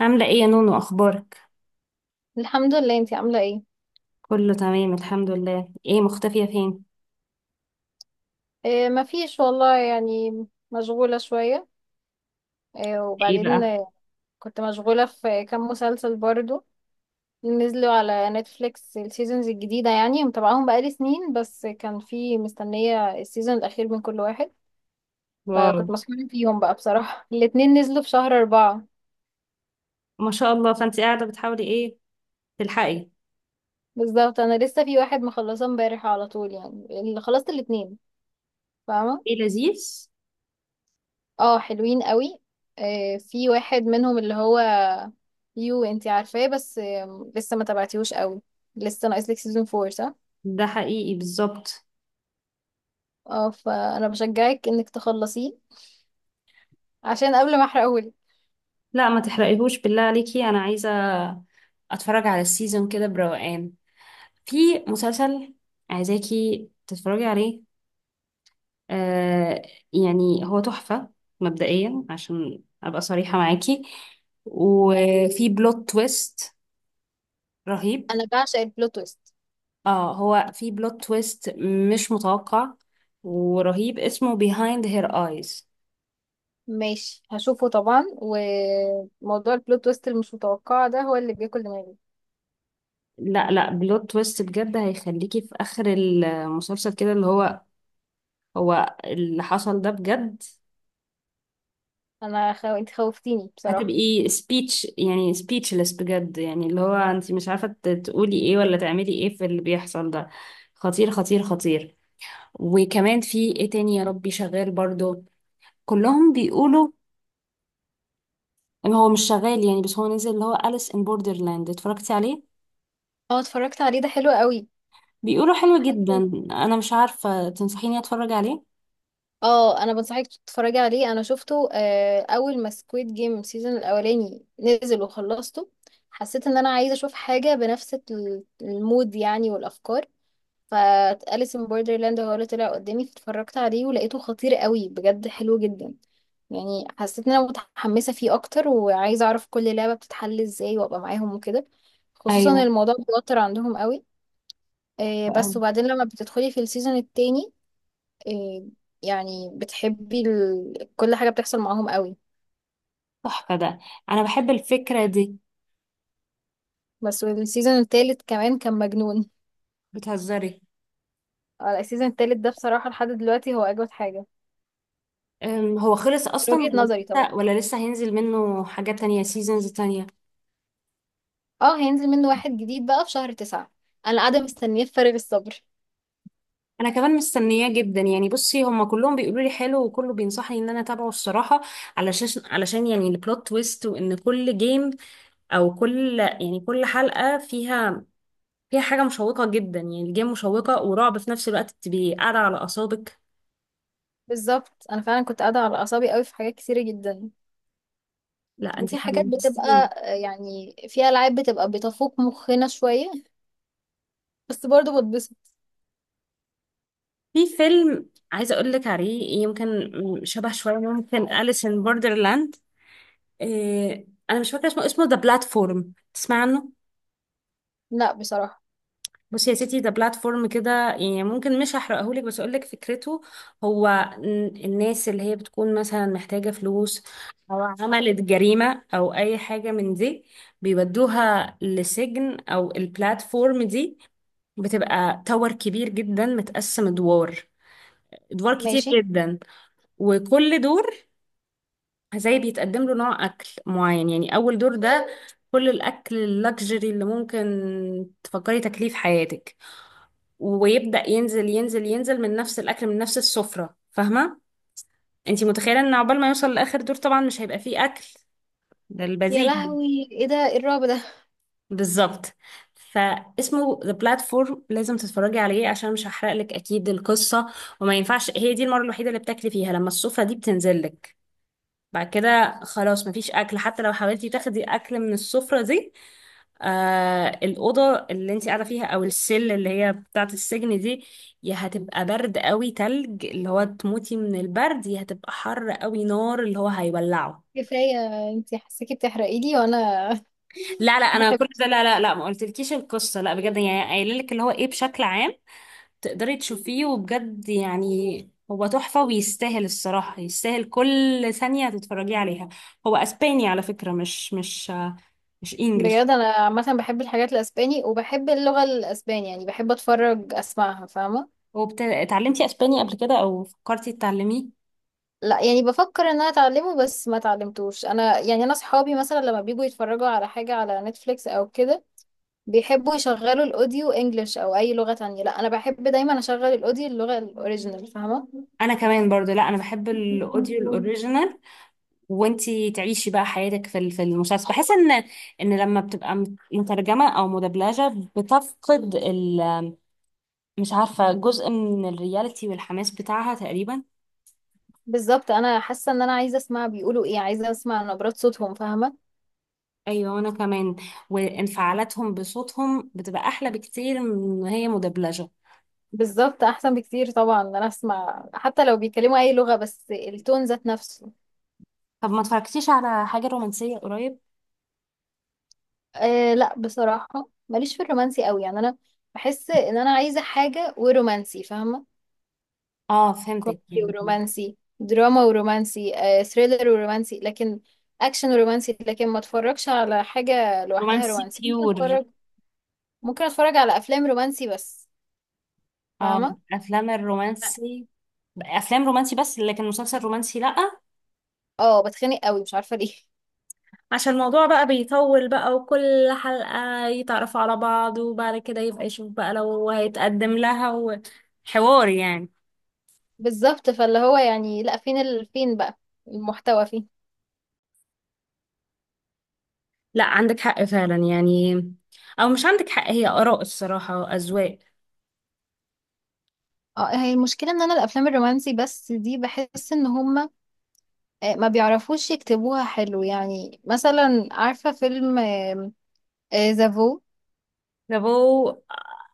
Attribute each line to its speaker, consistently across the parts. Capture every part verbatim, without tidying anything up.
Speaker 1: عاملة ايه يا نونو؟ اخبارك؟
Speaker 2: الحمد لله، انتي عاملة ايه؟
Speaker 1: كله تمام الحمد لله. ايه مختفية فين؟
Speaker 2: اه، مفيش والله، يعني مشغولة شوية. اه
Speaker 1: ايه
Speaker 2: وبعدين
Speaker 1: بقى؟
Speaker 2: آه، كنت مشغولة في كام مسلسل برضو. نزلوا على نتفليكس السيزونز الجديدة، يعني متابعاهم بقالي سنين، بس كان في مستنية السيزون الأخير من كل واحد.
Speaker 1: واو،
Speaker 2: فكنت مسحولة فيهم بقى بصراحة، الاتنين نزلوا في شهر أربعة.
Speaker 1: ما شاء الله. فانت قاعدة بتحاولي ايه؟ تلحقي.
Speaker 2: بالظبط، أنا لسه في واحد مخلصة امبارح على طول، يعني اللي خلصت الاتنين. فاهمة؟
Speaker 1: ايه لذيذ.
Speaker 2: اه، حلوين قوي. آه، في واحد منهم اللي هو يو انتي عارفاه، بس آم، لسه ما تابعتيهوش قوي. لسه ناقص لك سيزون أربعة صح.
Speaker 1: ده حقيقي بالظبط.
Speaker 2: اه، فانا بشجعك انك تخلصيه عشان قبل ما احرقهولك.
Speaker 1: لا ما تحرقيهوش بالله عليكي، انا عايزة اتفرج على السيزون كده بروقان. في مسلسل عايزاكي تتفرجي عليه. آه يعني هو تحفة مبدئيا، عشان ابقى صريحة معاكي، وفي بلوت تويست رهيب.
Speaker 2: انا بعشق البلوت تويست.
Speaker 1: اه هو في بلوت تويست مش متوقع ورهيب، اسمه Behind Her Eyes.
Speaker 2: ماشي، هشوفه طبعا، وموضوع البلوت تويست المش متوقعه ده هو اللي بياكل دماغي.
Speaker 1: لا لا، بلوت تويست بجد هيخليكي في اخر المسلسل كده، اللي هو هو اللي حصل ده بجد؟
Speaker 2: انا خو... انت خوفتيني بصراحه.
Speaker 1: هتبقي سبيتش، يعني سبيتشلess بجد، يعني اللي هو انت مش عارفة ت- تقولي ايه ولا تعملي ايه في اللي بيحصل ده. خطير خطير خطير. وكمان في ايه تاني يا ربي شغال برضو؟ كلهم بيقولوا ان هو مش شغال يعني، بس هو نزل اللي هو أليس ان بوردرلاند، اتفرجتي عليه؟
Speaker 2: اه اتفرجت عليه، ده حلو قوي.
Speaker 1: بيقولوا حلو جدا، انا مش عارفة، تنصحيني اتفرج عليه؟
Speaker 2: اه، انا بنصحك تتفرجي عليه. انا شفته آه، اول ما سكويد جيم سيزون الاولاني نزل وخلصته. حسيت ان انا عايزه اشوف حاجه بنفس ال- المود يعني والافكار. فأليس ان بوردرلاند هو اللي طلع قدامي، فاتفرجت عليه ولقيته خطير قوي بجد، حلو جدا. يعني حسيت ان انا متحمسه فيه اكتر، وعايزه اعرف كل لعبه بتتحل ازاي وابقى معاهم وكده. خصوصا
Speaker 1: ايوه،
Speaker 2: الموضوع بيوتر عندهم قوي. آه، بس
Speaker 1: أوي.
Speaker 2: وبعدين لما بتدخلي في السيزون التاني. إيه، يعني بتحبي ال... كل حاجة بتحصل معاهم قوي.
Speaker 1: تحفه ده، انا بحب الفكره دي.
Speaker 2: بس السيزون التالت كمان كان مجنون.
Speaker 1: بتهزري؟
Speaker 2: آه، السيزون التالت ده بصراحة لحد دلوقتي هو أجمد حاجة،
Speaker 1: أم، هو خلص
Speaker 2: من
Speaker 1: اصلا
Speaker 2: وجهة
Speaker 1: ولا
Speaker 2: نظري طبعا.
Speaker 1: لسه، ولا لسه هينزل منه حاجات تانية، سيزونز تانية؟
Speaker 2: اه، هينزل منه واحد جديد بقى في شهر تسعة. أنا قاعدة مستنية بفارغ الصبر.
Speaker 1: انا كمان مستنياه جدا يعني. بصي، هما كلهم بيقولوا لي حلو، وكله بينصحني ان انا اتابعه الصراحه، علشان علشان يعني البلوت تويست، وان كل جيم، او كل يعني كل حلقه فيها فيها حاجه مشوقه جدا. يعني الجيم مشوقه ورعب في نفس الوقت، بتبقي قاعده على اعصابك.
Speaker 2: بالظبط، أنا فعلا كنت قاعدة على أعصابي قوي في حاجات كتيرة جدا.
Speaker 1: لا انت
Speaker 2: وفي حاجات بتبقى
Speaker 1: حمستيني.
Speaker 2: آه، يعني في ألعاب بتبقى بتفوق مخنا شوية، بس برضه بتبسط.
Speaker 1: في فيلم عايزه اقول لك عليه، يمكن شبه شويه ممكن أليس ان بوردرلاند. إيه انا مش فاكره اسمه، اسمه ذا بلاتفورم، تسمع عنه؟
Speaker 2: لا بصراحة.
Speaker 1: بصي يا ستي، ذا بلاتفورم كده يعني، ممكن مش هحرقه لك بس اقول لك فكرته. هو ن- الناس اللي هي بتكون مثلا محتاجه فلوس، او عملت جريمه او اي حاجه من دي، بيودوها لسجن او البلاتفورم دي. بتبقى تاور كبير جدا، متقسم ادوار، ادوار كتير
Speaker 2: ماشي.
Speaker 1: جدا. وكل دور زي بيتقدم له نوع اكل معين. يعني اول دور ده كل الاكل اللكجري اللي ممكن تفكري تاكليه في حياتك، ويبدا ينزل ينزل ينزل من نفس الاكل، من نفس السفره، فاهمه؟ انتي متخيله ان عقبال ما يوصل لاخر دور طبعا مش هيبقى فيه اكل. ده
Speaker 2: يا
Speaker 1: البذيء.
Speaker 2: لهوي، ايه ده، ايه الرعب ده؟
Speaker 1: بالظبط. فاسمه ذا بلاتفورم، لازم تتفرجي عليه، عشان مش هحرق لك اكيد القصه. وما ينفعش، هي دي المره الوحيده اللي بتاكلي فيها، لما السفره دي بتنزل لك. بعد كده خلاص مفيش اكل، حتى لو حاولتي تاخدي اكل من السفرة دي. آه، الأوضة اللي انت قاعدة فيها، أو السل اللي هي بتاعة السجن دي، يا هتبقى برد قوي تلج، اللي هو تموتي من البرد، يا هتبقى حر قوي نار، اللي هو هيولعه.
Speaker 2: كفاية، انتي حسيكي بتحرقي لي وانا
Speaker 1: لا لا، أنا
Speaker 2: بحب.
Speaker 1: كل ده لا لا لا، ما قلتلكيش القصة، لا بجد يعني، قايلة لك اللي هو إيه بشكل عام. تقدري تشوفيه، وبجد يعني هو تحفة، ويستاهل الصراحة، يستاهل كل ثانية تتفرجي عليها. هو اسباني على فكرة، مش مش مش انجلش.
Speaker 2: بجد انا عامة بحب الحاجات الاسباني، وبحب اللغة الاسباني، يعني بحب اتفرج اسمعها، فاهمة.
Speaker 1: اتعلمتي اسباني قبل كده، او فكرتي تتعلميه؟
Speaker 2: لا، يعني بفكر ان انا اتعلمه بس ما اتعلمتوش انا. يعني انا صحابي مثلا لما بيجوا يتفرجوا على حاجة على نتفليكس او كده، بيحبوا يشغلوا الاوديو انجلش او اي لغة تانية. لا، انا بحب دايما اشغل الاوديو اللغة الاوريجينال، فاهمة.
Speaker 1: انا كمان برضو، لا انا بحب الاوديو الاوريجينال. وانتي تعيشي بقى حياتك في ال- في المسلسل. بحس ان ان لما بتبقى مت- مترجمة او مدبلجة، بتفقد ال، مش عارفة، جزء من الرياليتي والحماس بتاعها تقريبا.
Speaker 2: بالظبط، انا حاسة ان انا عايزة اسمع بيقولوا ايه، عايزة اسمع نبرات صوتهم، فاهمة.
Speaker 1: ايوه، وانا كمان. وانفعالاتهم بصوتهم بتبقى احلى بكتير من ما هي مدبلجه.
Speaker 2: بالظبط، احسن بكتير طبعا ان انا اسمع حتى لو بيتكلموا اي لغة، بس التون ذات نفسه.
Speaker 1: طب ما اتفرجتيش على حاجه رومانسيه قريب؟
Speaker 2: أه لا بصراحة، ماليش في الرومانسي قوي، يعني انا بحس ان انا عايزة حاجة ورومانسي، فاهمة.
Speaker 1: اه فهمتك
Speaker 2: كوميدي
Speaker 1: يعني.
Speaker 2: ورومانسي، دراما ورومانسي، أه ثريلر ورومانسي، لكن اكشن ورومانسي، لكن ما اتفرجش على حاجة لوحدها
Speaker 1: رومانسي
Speaker 2: رومانسي. ممكن
Speaker 1: بيور؟
Speaker 2: اتفرج، ممكن اتفرج على افلام رومانسي بس،
Speaker 1: اه.
Speaker 2: فاهمة.
Speaker 1: افلام
Speaker 2: لا.
Speaker 1: الرومانسي. افلام رومانسي بس، لكن مسلسل رومانسي لا.
Speaker 2: اه بتخنق قوي، مش عارفة ليه
Speaker 1: عشان الموضوع بقى بيطول بقى، وكل حلقه يتعرفوا على بعض، وبعد كده يبقى يشوف بقى لو هيتقدم لها، وحوار يعني.
Speaker 2: بالظبط، فاللي هو يعني لا، فين ال... فين بقى المحتوى، فين.
Speaker 1: لا عندك حق فعلا يعني، او مش عندك حق، هي اراء الصراحه واذواق.
Speaker 2: اه، هي المشكلة ان انا الافلام الرومانسي بس دي بحس ان هما آه، ما بيعرفوش يكتبوها حلو. يعني مثلا، عارفة فيلم زافو،
Speaker 1: لابو.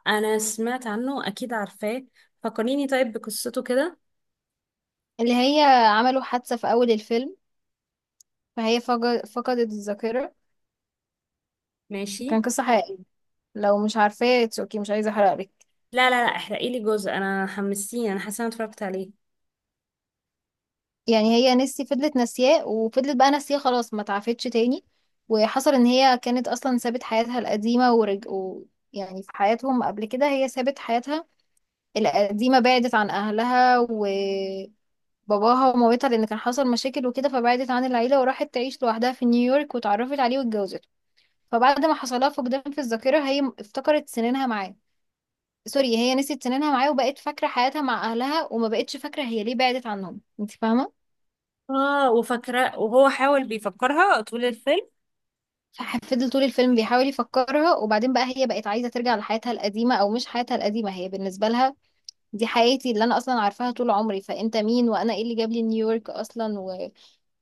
Speaker 1: انا سمعت عنه، اكيد عارفاه. فكريني طيب بقصته كده.
Speaker 2: اللي هي عملوا حادثة في اول الفيلم، فهي فج- فقدت الذاكرة.
Speaker 1: ماشي.
Speaker 2: كان قصة حقيقية. لو مش عارفاه it's okay، مش عايزة احرقلك.
Speaker 1: لا لا لا، احرقي لي جزء، انا حمستيني، انا حاسه انا اتفرجت عليه.
Speaker 2: يعني هي نسي فضلت ناسياه، وفضلت بقى ناسياه، خلاص، ما تعافتش تاني. وحصل ان هي كانت اصلا سابت حياتها القديمة ورج... و... يعني في حياتهم قبل كده، هي سابت حياتها القديمة، بعدت عن أهلها وباباها ومامتها، لأن كان حصل مشاكل وكده، فبعدت عن العيلة وراحت تعيش لوحدها في نيويورك، واتعرفت عليه واتجوزته. فبعد ما حصلها فقدان في الذاكرة، هي م- افتكرت سنينها معاه. سوري، هي نسيت سنينها معاه، وبقت فاكرة حياتها مع أهلها، وما بقتش فاكرة هي ليه بعدت عنهم. انت فاهمة؟
Speaker 1: اه وفاكره، وهو حاول بيفكرها طول الفيلم.
Speaker 2: ففضل طول الفيلم بيحاول يفكرها. وبعدين بقى هي بقت عايزة ترجع لحياتها القديمة، أو مش حياتها القديمة، هي بالنسبة لها دي حياتي اللي أنا أصلا عارفاها طول عمري، فأنت مين، وأنا إيه اللي جاب لي نيويورك أصلا و...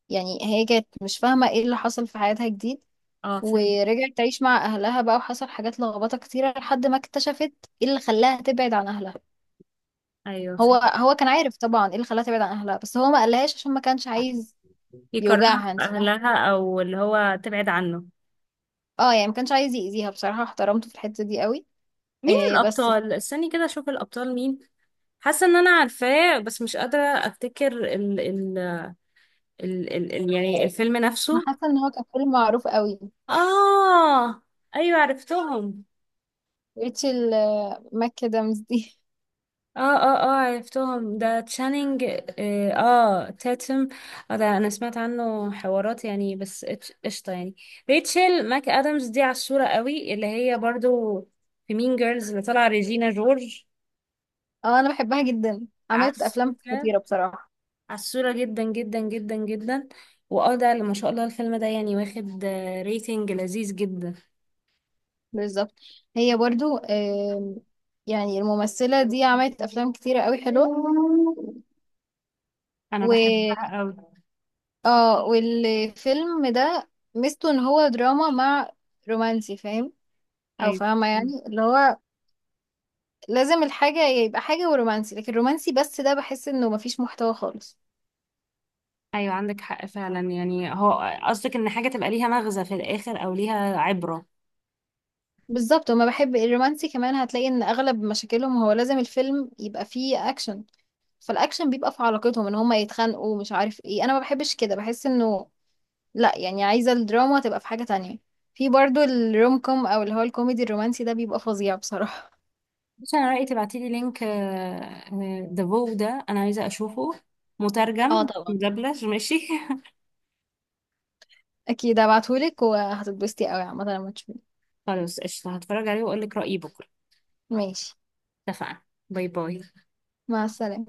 Speaker 2: يعني هي كانت مش فاهمة ايه اللي حصل في حياتها جديد.
Speaker 1: اه فهمت.
Speaker 2: ورجعت تعيش مع اهلها بقى، وحصل حاجات لخبطة كتيرة لحد ما اكتشفت ايه اللي خلاها تبعد عن اهلها.
Speaker 1: ايوه
Speaker 2: هو
Speaker 1: فهمت.
Speaker 2: هو كان عارف طبعا ايه اللي خلاها تبعد عن اهلها، بس هو ما قالهاش عشان ما كانش عايز
Speaker 1: يكرهها
Speaker 2: يوجعها،
Speaker 1: في
Speaker 2: انت فاهمة.
Speaker 1: اهلها، او اللي هو تبعد عنه.
Speaker 2: اه، يعني ما كانش عايز يأذيها. بصراحة احترمته في الحتة دي قوي.
Speaker 1: مين
Speaker 2: إيه بس،
Speaker 1: الابطال؟ استني كده اشوف الابطال مين. حاسه ان انا عارفاه، بس مش قادره افتكر ال ال ال ال ال يعني الفيلم
Speaker 2: انا
Speaker 1: نفسه.
Speaker 2: حاسة ان هو كان فيلم معروف قوي.
Speaker 1: اه. ايوه عرفتهم.
Speaker 2: ريتشل آه، ماك ادمز دي
Speaker 1: اه اه اه عرفتهم، ده تشانينج اه آه، تاتم. اه ده انا سمعت عنه حوارات يعني، بس إتش- قشطة يعني. ريتشل ماك ادمز دي عالصورة قوي، اللي هي برضو في مين جيرلز اللي طالعة ريجينا جورج.
Speaker 2: اه انا بحبها جدا، عملت افلام
Speaker 1: عالصورة.
Speaker 2: خطيرة بصراحة.
Speaker 1: عالصورة جدا جدا جدا جدا. واه ده اللي ما شاء الله، الفيلم ده يعني واخد آه، ريتنج لذيذ جدا.
Speaker 2: بالظبط. هي برضو آم، يعني الممثلة دي عملت أفلام كتيرة قوي حلوة.
Speaker 1: انا
Speaker 2: و
Speaker 1: بحبها قوي.
Speaker 2: اه والفيلم ده ميزته ان هو دراما مع رومانسي، فاهم او
Speaker 1: ايوه.
Speaker 2: فاهمة، يعني اللي هو لازم الحاجة يبقى حاجة ورومانسي، لكن الرومانسي بس ده بحس انه مفيش محتوى خالص.
Speaker 1: ايوه عندك حق فعلا يعني، هو قصدك ان حاجة تبقى ليها مغزى في الاخر او ليها عبرة.
Speaker 2: بالظبط. وما بحب الرومانسي، كمان هتلاقي ان اغلب مشاكلهم هو لازم الفيلم يبقى فيه اكشن، فالاكشن بيبقى في علاقتهم ان هما يتخانقوا مش عارف ايه. انا ما بحبش كده، بحس انه لا، يعني عايزة الدراما تبقى في حاجة تانية. في برضو الروم كوم او اللي هو الكوميدي الرومانسي، ده بيبقى فظيع بصراحة.
Speaker 1: بس انا رايي تبعتيلي لينك ذا فو ده، انا عايزه اشوفه،
Speaker 2: اه
Speaker 1: مترجم
Speaker 2: طبعا،
Speaker 1: مدبلج ماشي.
Speaker 2: اكيد هبعتهولك وهتتبسطي قوي عامة لما تشوفيه.
Speaker 1: خلاص قشطه، هتفرج عليه واقول لك رايي بكره.
Speaker 2: ماشي.
Speaker 1: اتفقنا. باي باي.
Speaker 2: مع السلامة.